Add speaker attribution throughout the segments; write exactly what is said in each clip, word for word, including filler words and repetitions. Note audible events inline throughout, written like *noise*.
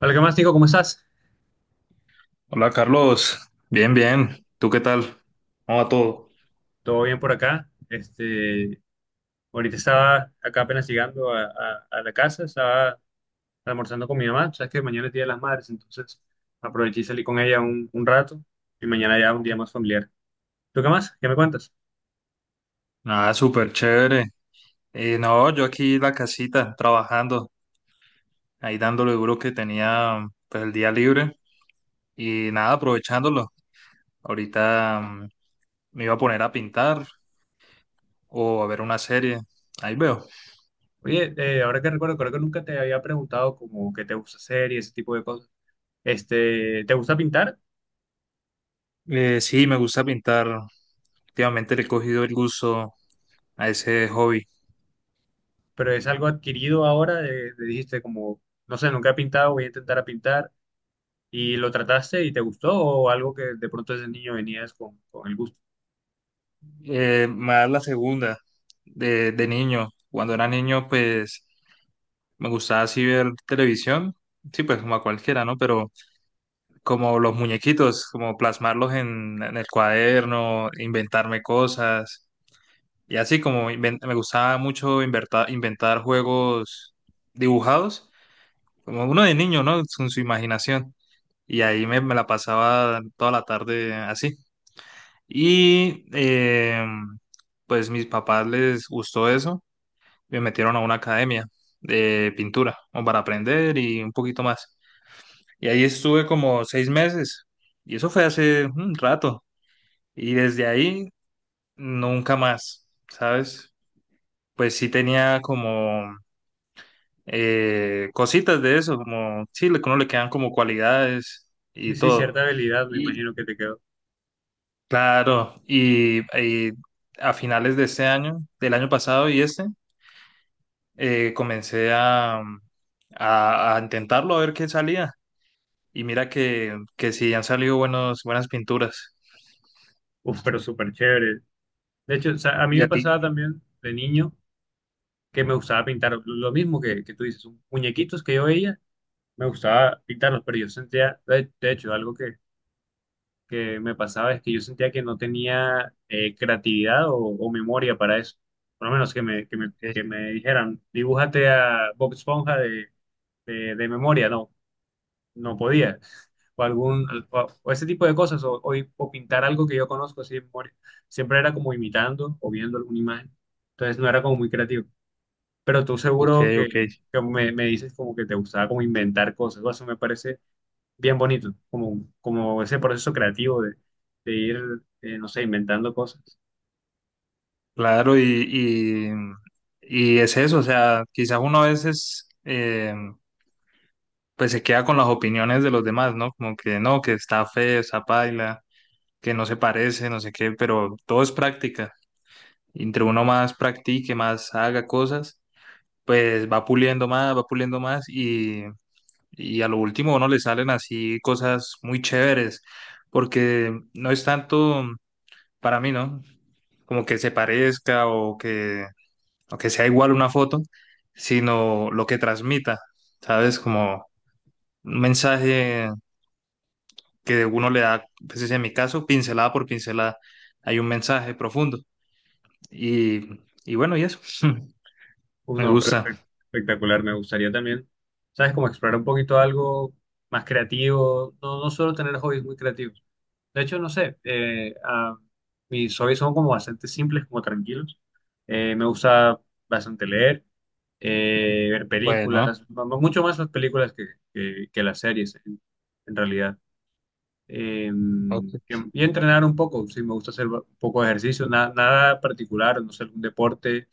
Speaker 1: Hola, ¿qué más, Nico? ¿Cómo estás?
Speaker 2: Hola Carlos, bien, bien. ¿Tú qué tal? ¿Cómo va todo?
Speaker 1: ¿Todo bien por acá? Este, ahorita estaba acá apenas llegando a, a- a la casa, estaba almorzando con mi mamá. Sabes que mañana es Día de las Madres, entonces aproveché y salí con ella un, un rato y mañana ya un día más familiar. ¿Tú qué más? ¿Qué me cuentas?
Speaker 2: Nada, súper chévere. Eh, no, yo aquí en la casita trabajando, ahí dándole duro que tenía pues el día libre y nada, aprovechándolo. Ahorita mm, me iba a poner a pintar o a ver una serie. Ahí veo.
Speaker 1: Oye, eh, ahora que recuerdo, creo que nunca te había preguntado como qué te gusta hacer y ese tipo de cosas. Este, ¿te gusta pintar?
Speaker 2: Eh, sí, me gusta pintar. Últimamente le he cogido el gusto a ese hobby.
Speaker 1: Pero es algo adquirido ahora, de, de- dijiste como, no sé, nunca he pintado, voy a intentar a pintar. ¿Y lo trataste y te gustó o algo que de pronto desde niño venías con, con el gusto?
Speaker 2: Eh, más la segunda, de, de niño. Cuando era niño, pues me gustaba así ver televisión, sí, pues como a cualquiera, ¿no? Pero como los muñequitos, como plasmarlos en, en el cuaderno, inventarme cosas. Y así como inven- me gustaba mucho inventar, inventar juegos dibujados, como uno de niño, ¿no? Con su imaginación. Y ahí me, me la pasaba toda la tarde así. Y eh, pues mis papás les gustó eso, me metieron a una academia de pintura, como para aprender y un poquito más. Y ahí estuve como seis meses. Y eso fue hace un rato. Y desde ahí, nunca más, ¿sabes? Pues sí tenía como eh, cositas de eso, como sí, le- uno le quedan como cualidades y
Speaker 1: Sí, sí,
Speaker 2: todo.
Speaker 1: cierta habilidad me
Speaker 2: Y
Speaker 1: imagino que te quedó.
Speaker 2: claro, y, y a finales de este año, del año pasado y este, eh, comencé a, a, a intentarlo a ver qué salía. Y mira que, que sí han salido buenos, buenas pinturas.
Speaker 1: *laughs* Uf, pero súper chévere. De hecho, o sea, a mí
Speaker 2: ¿Y
Speaker 1: me
Speaker 2: a ti?
Speaker 1: pasaba también de niño que me gustaba pintar lo mismo que, que tú dices, un- muñequitos que yo veía, me gustaba pintarlos, pero yo sentía, de, de hecho, algo que, que me pasaba es que yo sentía que no tenía eh, creatividad o, o memoria para eso. Por lo menos que me, que me, que me dijeran, dibújate a Bob Esponja de, de de memoria, ¿no? No podía. O, algún, o, o ese tipo de cosas, o, o, o pintar algo que yo conozco así de memoria. Siempre era como imitando o viendo alguna imagen. Entonces no era como muy creativo. Pero tú
Speaker 2: Ok,
Speaker 1: seguro que,
Speaker 2: ok,
Speaker 1: que me, me dices como que te gustaba como inventar cosas. O eso me parece bien bonito, como, como ese proceso creativo de, de ir, eh, no sé, inventando cosas.
Speaker 2: claro, y, y, y es eso, o sea, quizás uno a veces eh, pues se queda con las opiniones de los demás, ¿no? Como que no, que está feo, está paila, que no se parece, no sé qué, pero todo es práctica. Entre uno más practique, más haga cosas, pues va puliendo más, va puliendo más y, y a lo último a uno le salen así cosas muy chéveres, porque no es tanto para mí, ¿no? Como que se parezca o que aunque sea igual una foto, sino lo que transmita, ¿sabes? Como un mensaje que uno le da, pues en mi caso, pincelada por pincelada, hay un mensaje profundo. Y, y bueno, y eso, *laughs*
Speaker 1: Uf,
Speaker 2: me
Speaker 1: no, pero
Speaker 2: gusta.
Speaker 1: espe- espectacular. Me gustaría también, ¿sabes? Como explorar un poquito algo más creativo. No, no solo tener hobbies muy creativos. De hecho, no sé, eh, ah, mis hobbies son como bastante simples, como tranquilos. Eh, me gusta bastante leer, eh, ver
Speaker 2: Bueno,
Speaker 1: películas, mu- mu- mucho más las películas que, que- que las series, en, en realidad. Eh, y,
Speaker 2: ok.
Speaker 1: y entrenar un poco, sí, me gusta hacer ba- un poco de ejercicio, na- nada particular, no sé, algún deporte,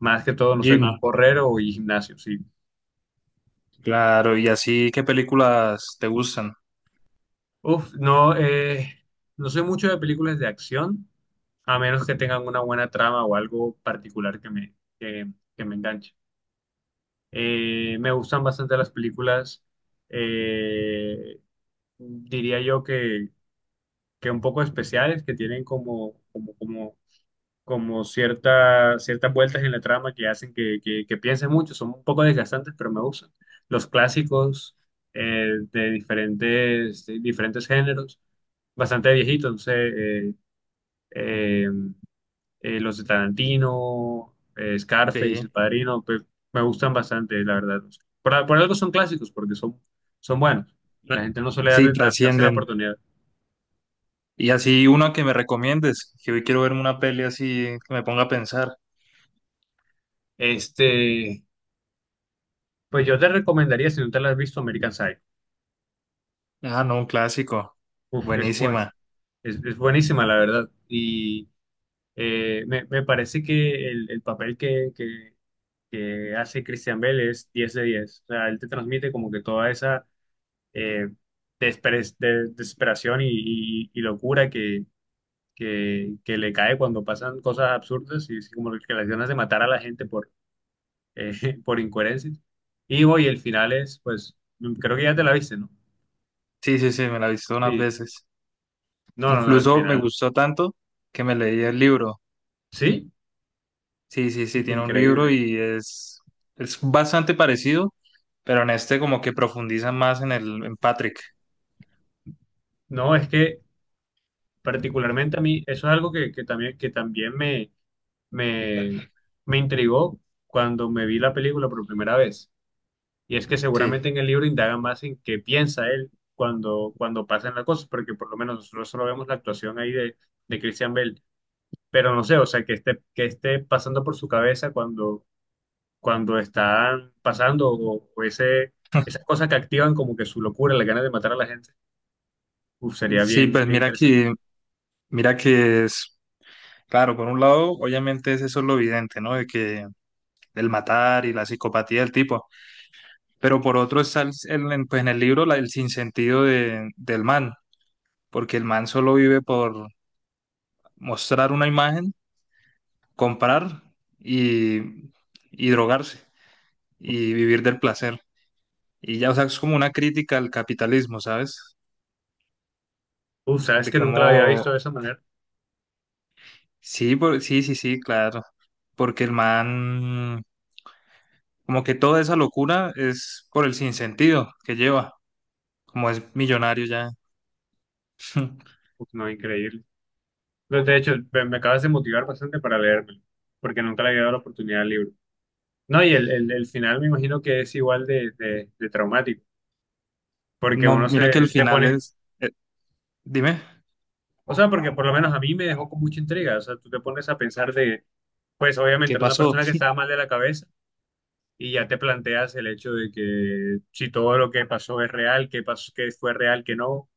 Speaker 1: más que todo, no sé,
Speaker 2: Jim,
Speaker 1: como correr o ir gimnasio, sí.
Speaker 2: claro, y así, ¿qué películas te gustan?
Speaker 1: Uf, no, eh, no soy mucho de películas de acción. A menos que tengan una buena trama o algo particular que me, que, que me enganche. Eh, me gustan bastante las películas, eh, diría yo que, que un poco especiales, que tienen como, como, como, como cierta, ciertas vueltas en la trama que hacen que, que, que piense mucho, son un poco desgastantes, pero me gustan. Los clásicos, eh, de diferentes, de diferentes géneros, bastante viejitos, no sé. eh, eh, eh, los de Tarantino, eh,
Speaker 2: Sí,
Speaker 1: Scarface, El Padrino, pues me gustan bastante, la verdad. Por, por algo son clásicos, porque son, son buenos.
Speaker 2: tra-
Speaker 1: La gente no suele
Speaker 2: sí,
Speaker 1: dar- dar- darse la
Speaker 2: trascienden.
Speaker 1: oportunidad.
Speaker 2: Y así una que me recomiendes, que hoy quiero verme una peli así que me ponga a pensar.
Speaker 1: Este, pues yo te recomendaría, si no te la has visto, American Psycho.
Speaker 2: Ah, no, un clásico.
Speaker 1: Uf, es buen-
Speaker 2: Buenísima.
Speaker 1: es, es buenísima, la verdad. Y eh, me, me parece que el, el papel que, que, que hace Christian Bale es diez de diez. O sea, él te transmite como que toda esa eh, desper- de- desesperación y, y- y locura que, que, que le cae cuando pasan cosas absurdas y así como que las ganas de matar a la gente por, eh, *laughs* por incoherencias. Y hoy el final es, pues, mm, creo que ya te la viste, ¿no?
Speaker 2: Sí, sí, sí, me la he visto unas
Speaker 1: Sí,
Speaker 2: veces.
Speaker 1: no, no, no, el
Speaker 2: Incluso me
Speaker 1: final.
Speaker 2: gustó tanto que me leí el libro.
Speaker 1: Sí,
Speaker 2: Sí, sí, sí, tiene un libro
Speaker 1: increíble.
Speaker 2: y es, es bastante parecido, pero en este como que profundiza más en el, en Patrick.
Speaker 1: No, es que particularmente a mí, eso es algo que, que también, que también me, me, me intrigó cuando me vi la película por primera vez. Y es que seguramente
Speaker 2: Sí.
Speaker 1: en el libro indaga más en qué piensa él cuando, cuando pasan las cosas, porque por lo menos nosotros solo vemos la actuación ahí de, de Christian Bale, pero no sé, o sea, que esté, que esté pasando por su cabeza cuando, cuando están pasando o, o ese, esas
Speaker 2: *laughs*
Speaker 1: cosas que activan como que su locura, la ganas de matar a la gente, uf, sería
Speaker 2: Sí,
Speaker 1: bien,
Speaker 2: pues
Speaker 1: bien
Speaker 2: mira
Speaker 1: interesante.
Speaker 2: que, mira que es, claro, por un lado, obviamente es eso lo evidente, ¿no? De que el matar y la psicopatía del tipo, pero por otro está el, el- en, pues en el libro la, el sinsentido de, del man, porque el man solo vive por mostrar una imagen comprar y, y drogarse y vivir del placer. Y ya, o sea, es como una crítica al capitalismo, ¿sabes?
Speaker 1: Uf, sabes
Speaker 2: De
Speaker 1: que nunca lo había
Speaker 2: cómo,
Speaker 1: visto de esa manera,
Speaker 2: sí, por- sí, sí, sí, claro. Porque el man, como que toda esa locura es por el sinsentido que lleva, como es millonario ya. *laughs*
Speaker 1: uf, no, increíble. De hecho, me, me acabas de motivar bastante para leérmelo, porque nunca le había dado la oportunidad al libro. No, y el, el, el final me imagino que es igual de, de, de traumático, porque uno
Speaker 2: No, mira
Speaker 1: se
Speaker 2: que el
Speaker 1: te
Speaker 2: final
Speaker 1: pone,
Speaker 2: es, eh, dime,
Speaker 1: o sea, porque por lo menos a mí me dejó con mucha intriga, o sea, tú te pones a pensar de, pues obviamente
Speaker 2: ¿qué
Speaker 1: era una
Speaker 2: pasó?
Speaker 1: persona que estaba mal de la cabeza y ya te planteas el hecho de que si todo lo que pasó es real, qué pasó, qué fue real, qué no,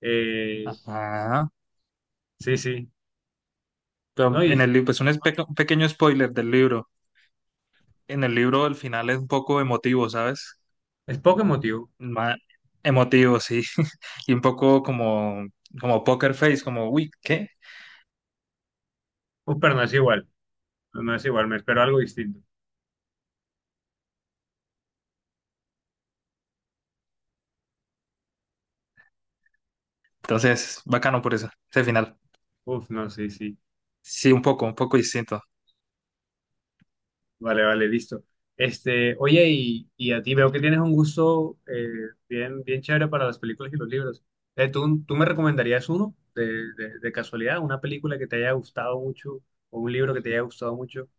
Speaker 1: eh,
Speaker 2: Ajá.
Speaker 1: sí, sí, no,
Speaker 2: Pero en
Speaker 1: y
Speaker 2: el libro, pues un espe- un pequeño spoiler del libro. En el libro el final es un poco emotivo, ¿sabes?
Speaker 1: es poco emotivo,
Speaker 2: ma- emotivo, sí. *laughs* Y un poco como, como poker face, como, uy, ¿qué?
Speaker 1: uf, pero no es igual, no es igual, me espero algo distinto,
Speaker 2: Entonces, bacano por eso, ese final.
Speaker 1: uf, no, sí, sí.
Speaker 2: Sí, un poco, un poco distinto.
Speaker 1: Vale, vale, listo. Este, oye, y, y a ti veo que tienes un gusto eh, bien, bien chévere para las películas y los libros. Eh, ¿tú, Tú me recomendarías uno de, de- de casualidad, ¿una película que te haya gustado mucho o un libro que te haya gustado mucho?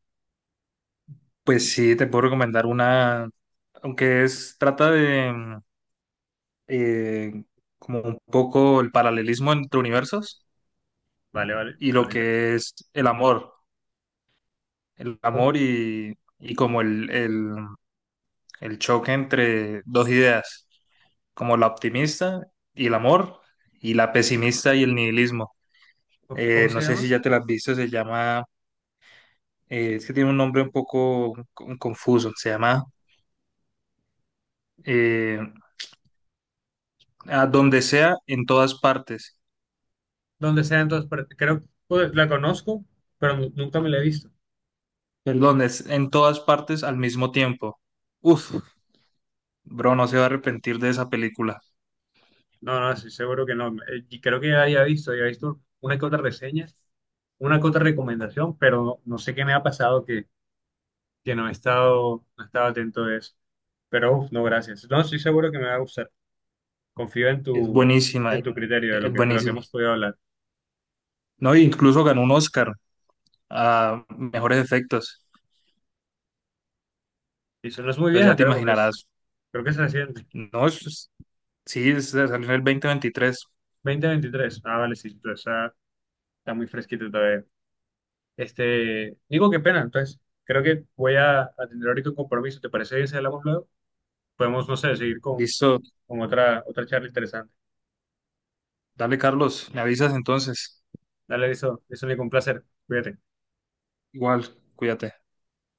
Speaker 2: Pues sí, te puedo recomendar una, aunque es, trata de mm, eh, como un poco el paralelismo entre universos
Speaker 1: Vale, vale,
Speaker 2: y lo
Speaker 1: suena interesante.
Speaker 2: que es el amor, el
Speaker 1: ¿Cómo,
Speaker 2: amor y, y como el, el, el choque entre dos ideas, como la optimista y el amor y la pesimista y el nihilismo.
Speaker 1: cómo-
Speaker 2: Eh,
Speaker 1: se
Speaker 2: no sé si
Speaker 1: llama?
Speaker 2: ya te la has visto, se llama, eh, es que tiene un nombre un poco con- confuso, se llama eh, A donde sea, en todas partes.
Speaker 1: Donde sea, entonces, pero creo pues, la conozco, pero nu- nunca me la he visto.
Speaker 2: Perdón, es en todas partes al mismo tiempo. Uf, bro, no se va a arrepentir de esa película.
Speaker 1: No, no, sí seguro que no. Eh, y creo que ya había visto, había visto una que otra reseña, una que otra recomendación, pero no, no sé qué me ha pasado que no he estado, no he estado atento de eso. Pero uf, no, gracias. No, estoy seguro que me va a gustar. Confío en
Speaker 2: Es
Speaker 1: tu,
Speaker 2: buenísima,
Speaker 1: en
Speaker 2: eh,
Speaker 1: tu criterio de lo
Speaker 2: es
Speaker 1: que, de lo que
Speaker 2: buenísima.
Speaker 1: hemos podido hablar.
Speaker 2: No, e incluso ganó un Oscar a mejores efectos.
Speaker 1: Y eso no es muy
Speaker 2: Entonces ya
Speaker 1: vieja,
Speaker 2: te
Speaker 1: creo que es,
Speaker 2: imaginarás.
Speaker 1: creo que es reciente.
Speaker 2: No, es sí, es- salió en el dos mil veintitrés.
Speaker 1: dos mil veintitrés. Ah, vale, sí, entonces está, está muy fresquito todavía. Este, digo, qué pena, entonces creo que voy a, a tener ahorita un compromiso. ¿Te parece bien si hablamos luego? Podemos, no sé, seguir con,
Speaker 2: Listo.
Speaker 1: con otra, otra charla interesante.
Speaker 2: Dale, Carlos. Me avisas entonces.
Speaker 1: Dale, eso, eso, Nico, un placer. Cuídate.
Speaker 2: Igual, cuídate.